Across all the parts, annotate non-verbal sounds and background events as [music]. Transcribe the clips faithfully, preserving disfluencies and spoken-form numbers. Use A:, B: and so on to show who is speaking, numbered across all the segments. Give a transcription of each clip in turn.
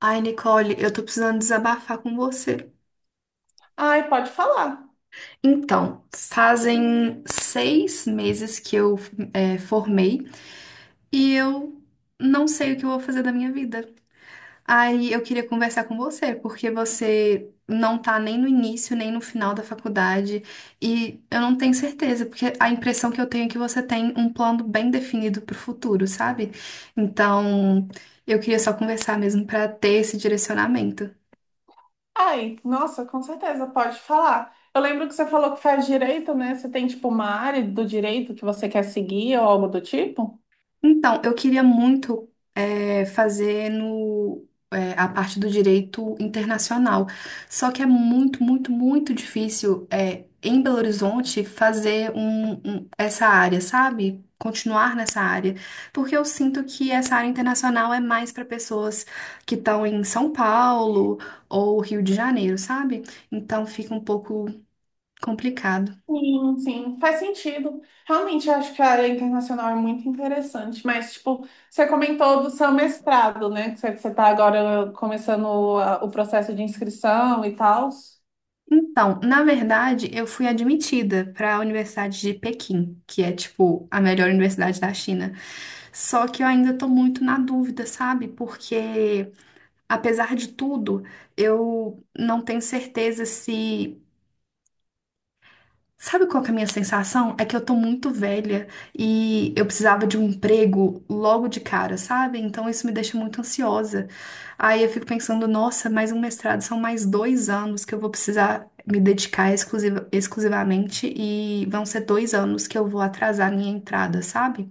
A: Ai, Nicole, eu tô precisando desabafar com você.
B: Ai, pode falar.
A: Então, fazem seis meses que eu é, formei e eu não sei o que eu vou fazer da minha vida. Aí eu queria conversar com você, porque você não tá nem no início, nem no final da faculdade e eu não tenho certeza, porque a impressão que eu tenho é que você tem um plano bem definido pro futuro, sabe? Então, eu queria só conversar mesmo pra ter esse direcionamento.
B: Ai, nossa, com certeza, pode falar. Eu lembro que você falou que faz direito, né? Você tem, tipo, uma área do direito que você quer seguir ou algo do tipo?
A: Então, eu queria muito eh, fazer no, eh, a parte do direito internacional. Só que é muito, muito, muito difícil eh, em Belo Horizonte fazer um- um- essa área, sabe? Continuar nessa área. Porque eu sinto que essa área internacional é mais para pessoas que estão em São Paulo ou Rio de Janeiro, sabe? Então fica um pouco complicado.
B: Sim, sim, faz sentido. Realmente, eu acho que a área internacional é muito interessante, mas, tipo, você comentou do seu mestrado, né? Que você está agora começando a- o processo de inscrição e tal.
A: Então, na verdade, eu fui admitida para a Universidade de Pequim, que é tipo a melhor universidade da China. Só que eu ainda tô muito na dúvida, sabe? Porque, apesar de tudo, eu não tenho certeza se Sabe qual que é a minha sensação? É que eu tô muito velha e eu precisava de um emprego logo de cara, sabe? Então isso me deixa muito ansiosa. Aí eu fico pensando, nossa, mais um mestrado são mais dois anos que eu vou precisar me dedicar exclusiva- exclusivamente e vão ser dois anos que eu vou atrasar a minha entrada, sabe?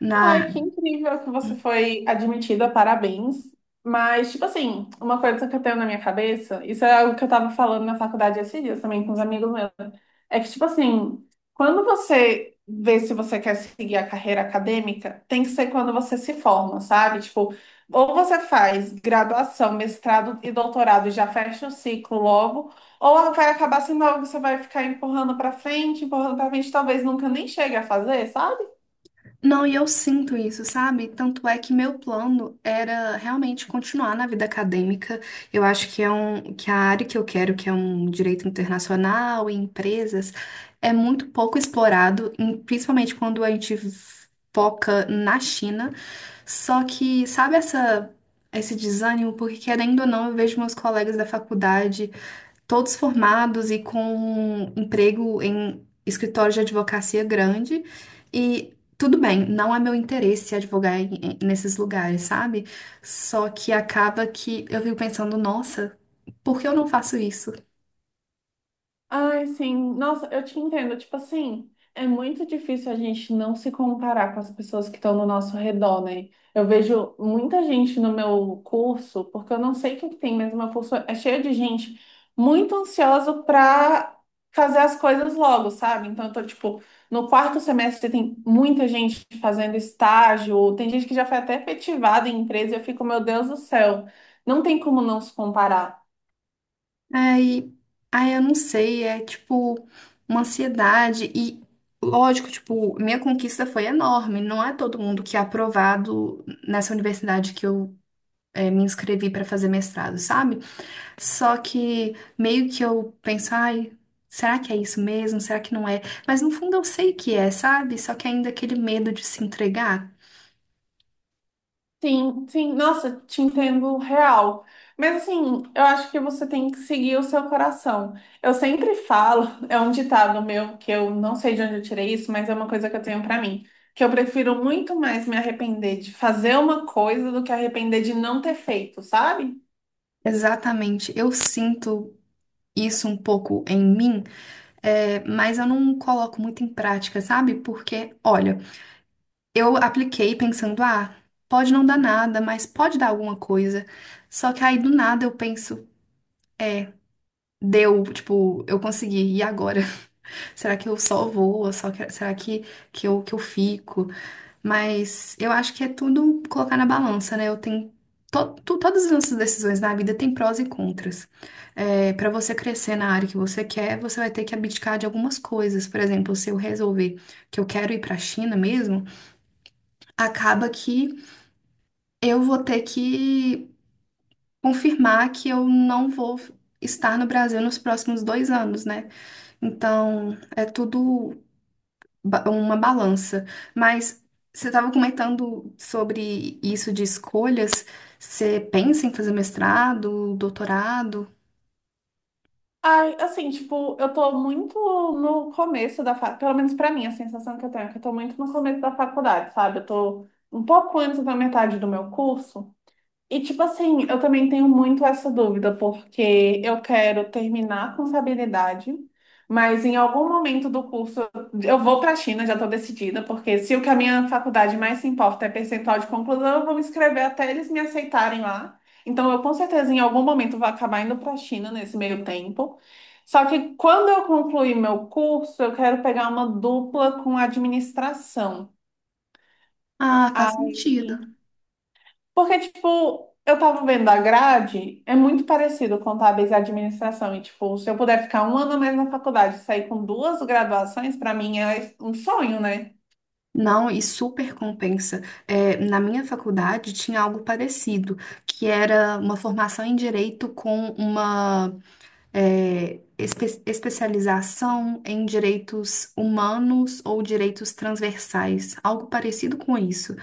A: Na,
B: Ai, que incrível que você foi admitida, parabéns. Mas, tipo assim, uma coisa que eu tenho na minha cabeça, isso é algo que eu tava falando na faculdade esses dias também com os amigos meus, é que, tipo assim, quando você vê se você quer seguir a carreira acadêmica, tem que ser quando você se forma, sabe? Tipo, ou você faz graduação, mestrado e doutorado e já fecha o ciclo logo, ou vai acabar sendo algo que você vai ficar empurrando pra frente, empurrando pra frente, talvez nunca nem chegue a fazer, sabe?
A: Não, e eu sinto isso, sabe? Tanto é que meu plano era realmente continuar na vida acadêmica. Eu acho que é um, que a área que eu quero, que é um direito internacional e empresas, é muito pouco explorado, em- principalmente quando a gente foca na China. Só que, sabe essa, esse desânimo? Porque, querendo ou não, eu vejo meus colegas da faculdade todos formados e com um emprego em escritório de advocacia grande. E tudo bem, não é meu interesse advogar em- em- nesses lugares, sabe? Só que acaba que eu fico pensando, nossa, por que eu não faço isso?
B: Ai, sim. Nossa, eu te entendo. Tipo assim, é muito difícil a gente não se comparar com as pessoas que estão no nosso redor, né? Eu vejo muita gente no meu curso, porque eu não sei o que que tem, mas o meu curso é cheio de gente muito ansiosa para fazer as coisas logo, sabe? Então, eu tô, tipo, no quarto semestre tem muita gente fazendo estágio, tem gente que já foi até efetivada em empresa, e eu fico, meu Deus do céu, não tem como não se comparar.
A: Aí, aí eu não sei, é tipo uma ansiedade e. Lógico, tipo, minha conquista foi enorme. Não é todo mundo que é aprovado nessa universidade que eu eh, me inscrevi para fazer mestrado, sabe? Só que meio que eu penso, ai, será que é isso mesmo? Será que não é? Mas no fundo eu sei que é, sabe? Só que ainda aquele medo de se entregar.
B: Sim, sim, nossa, te entendo real. Mas assim, eu acho que você tem que seguir o seu coração. Eu sempre falo, [laughs] é um ditado meu que eu não sei de onde eu tirei isso, mas é uma coisa que eu tenho pra mim, que eu prefiro muito mais me arrepender de fazer uma coisa do que arrepender de não ter feito, sabe?
A: Exatamente, eu sinto isso um pouco em mim, é, mas eu não coloco muito em prática, sabe? Porque, olha, eu apliquei pensando, ah, pode não dar nada, mas pode dar alguma coisa. Só que aí do nada eu penso, deu, tipo, eu consegui, e agora? [laughs] Será que eu só vou? Ou Só que- será que, que eu, que eu fico? Mas eu acho que é tudo colocar na balança, né? Eu tenho to- tu- todas as nossas decisões na vida têm prós e contras. É, para você crescer na área que você quer, você vai ter que abdicar de algumas coisas. Por exemplo, se eu resolver que eu quero ir para a China mesmo, acaba que eu vou ter que confirmar que eu não vou estar no Brasil nos próximos dois anos, né? Então, é tudo ba- uma balança. Mas você estava comentando sobre isso de escolhas. Você pensa em fazer mestrado, doutorado?
B: Ai, assim, tipo, eu tô muito no começo da faculdade, pelo menos pra mim, a sensação que eu tenho é que eu tô muito no começo da faculdade, sabe? Eu tô um pouco antes da metade do meu curso. E, tipo assim, eu também tenho muito essa dúvida, porque eu quero terminar com contabilidade, mas em algum momento do curso eu vou para a China, já estou decidida, porque se o que a minha faculdade mais se importa é percentual de conclusão, eu vou me inscrever até eles me aceitarem lá. Então, eu com certeza em algum momento vou acabar indo para a China nesse meio tempo. Só que quando eu concluir meu curso, eu quero pegar uma dupla com administração.
A: Ah, faz sentido.
B: Aí. Porque, tipo, eu tava vendo a grade, é muito parecido contábeis e administração. E, tipo, se eu puder ficar um ano a mais na faculdade e sair com duas graduações, pra mim é um sonho, né?
A: Não, e super compensa. É, na minha faculdade tinha algo parecido, que era uma formação em direito com uma é, espe- especialização em direitos humanos ou direitos transversais, algo parecido com isso.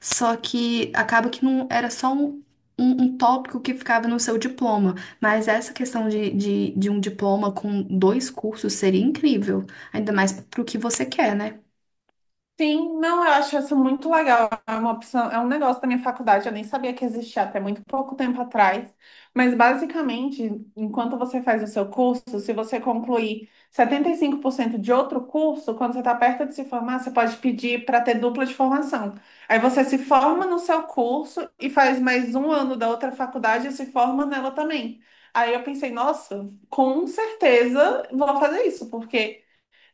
A: Só que acaba que não era só um, um, um tópico que ficava no seu diploma, mas essa questão de, de, de um diploma com dois cursos seria incrível, ainda mais para o que você quer, né?
B: Sim, não, eu acho isso muito legal. É uma opção, é um negócio da minha faculdade, eu nem sabia que existia até muito pouco tempo atrás. Mas basicamente, enquanto você faz o seu curso, se você concluir setenta e cinco por cento de outro curso, quando você está perto de se formar, você pode pedir para ter dupla de formação. Aí você se forma no seu curso e faz mais um ano da outra faculdade e se forma nela também. Aí eu pensei, nossa, com certeza vou fazer isso, porque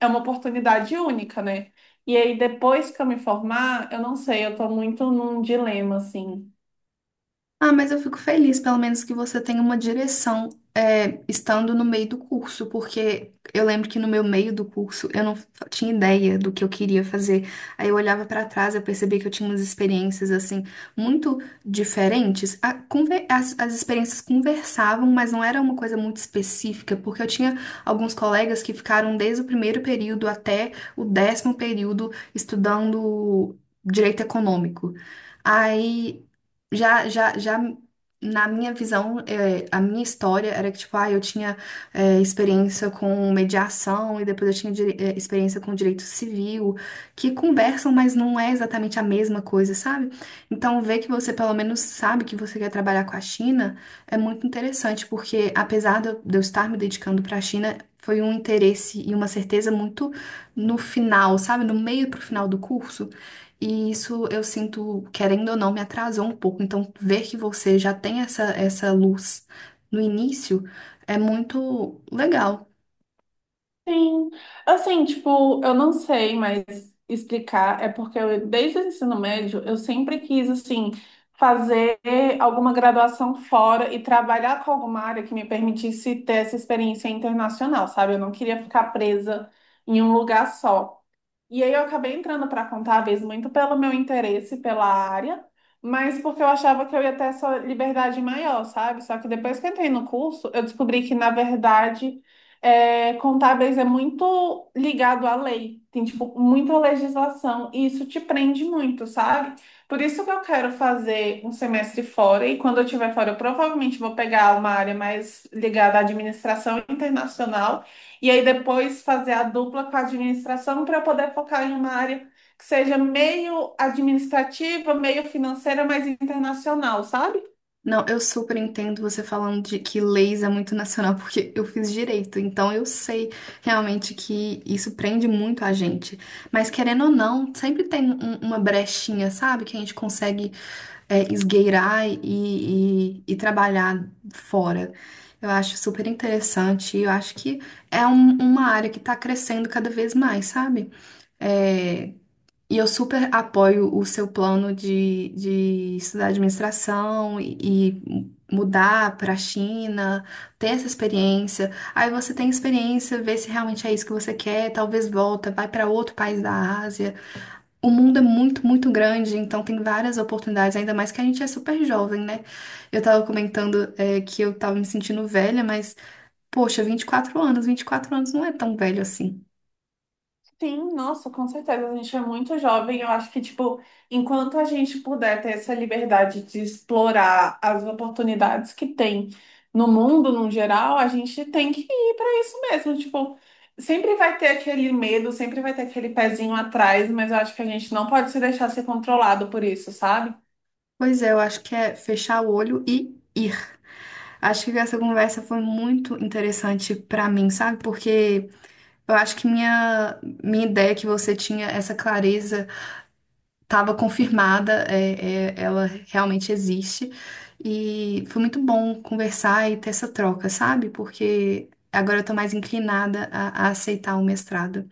B: é uma oportunidade única, né? E aí, depois que eu me formar, eu não sei, eu tô muito num dilema, assim.
A: Ah, mas eu fico feliz, pelo menos que você tenha uma direção, é, estando no meio do curso, porque eu lembro que no meu meio do curso eu não fa- tinha ideia do que eu queria fazer. Aí eu olhava pra trás, eu percebia que eu tinha umas experiências assim muito diferentes. A conver- as, as experiências conversavam, mas não era uma coisa muito específica, porque eu tinha alguns colegas que ficaram desde o primeiro período até o décimo período estudando direito econômico. Aí já, já, já na minha visão, é, a minha história era que, tipo, ah, eu tinha é, experiência com mediação e depois eu tinha dire- é, experiência com direito civil, que conversam, mas não é exatamente a mesma coisa, sabe? Então, ver que você pelo menos sabe que você quer trabalhar com a China é muito interessante, porque apesar de eu de eu estar me dedicando para a China, foi um interesse e uma certeza muito no final, sabe? No meio pro final do curso. E isso eu sinto, querendo ou não, me atrasou um pouco. Então, ver que você já tem essa, essa luz no início é muito legal.
B: Sim, assim, tipo, eu não sei mais explicar, é porque eu, desde o ensino médio, eu sempre quis, assim, fazer alguma graduação fora e trabalhar com alguma área que me permitisse ter essa experiência internacional, sabe? Eu não queria ficar presa em um lugar só. E aí eu acabei entrando para contábeis muito pelo meu interesse pela área, mas porque eu achava que eu ia ter essa liberdade maior, sabe? Só que depois que eu entrei no curso, eu descobri que, na verdade, é, contábeis é muito ligado à lei. Tem, tipo, muita legislação e isso te prende muito, sabe? Por isso que eu quero fazer um semestre fora e quando eu estiver fora, eu provavelmente vou pegar uma área mais ligada à administração internacional e aí depois fazer a dupla com a administração para eu poder focar em uma área que seja meio administrativa, meio financeira, mas internacional, sabe?
A: Não, eu super entendo você falando de que leis é muito nacional, [laughs] porque eu fiz direito, então eu sei realmente que isso prende muito a gente. Mas querendo ou não, sempre tem um- um, uma brechinha, sabe? Que a gente consegue é, esgueirar e, e- e trabalhar fora. Eu acho super interessante e eu acho que é um- uma área que está crescendo cada vez mais, sabe? É, e eu super apoio o seu plano de, de estudar administração e, e mudar para a China, ter essa experiência. Aí você tem experiência, vê se realmente é isso que você quer, talvez volta, vai para outro país da Ásia. O mundo é muito, muito grande, então tem várias oportunidades, ainda mais que a gente é super jovem, né? Eu tava comentando, eh, que eu tava me sentindo velha, mas, poxa, vinte e quatro anos, vinte e quatro anos não é tão velho assim.
B: Sim, nossa, com certeza. A gente é muito jovem. Eu acho que, tipo, enquanto a gente puder ter essa liberdade de explorar as oportunidades que tem no mundo, no geral, a gente tem que ir para isso mesmo. Tipo, sempre vai ter aquele medo, sempre vai ter aquele pezinho atrás, mas eu acho que a gente não pode se deixar ser controlado por isso, sabe?
A: Pois é, eu acho que é fechar o olho e ir. Acho que essa conversa foi muito interessante pra mim, sabe? Porque eu acho que minha, minha ideia que você tinha, essa clareza, estava confirmada, é, é- ela realmente existe. E foi muito bom conversar e ter essa troca, sabe? Porque agora eu tô mais inclinada a, a aceitar o mestrado.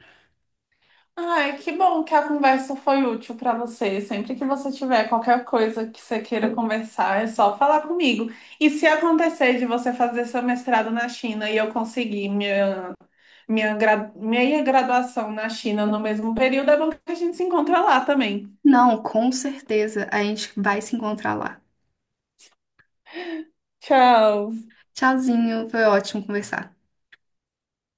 B: Ai, que bom que a conversa foi útil para você. Sempre que você tiver qualquer coisa que você queira conversar, é só falar comigo. E se acontecer de você fazer seu mestrado na China e eu conseguir minha, minha, gra- minha graduação na China no mesmo período, é bom que a gente se encontra lá também.
A: Não, com certeza, a gente vai se encontrar lá.
B: Tchau.
A: Tchauzinho, foi ótimo conversar.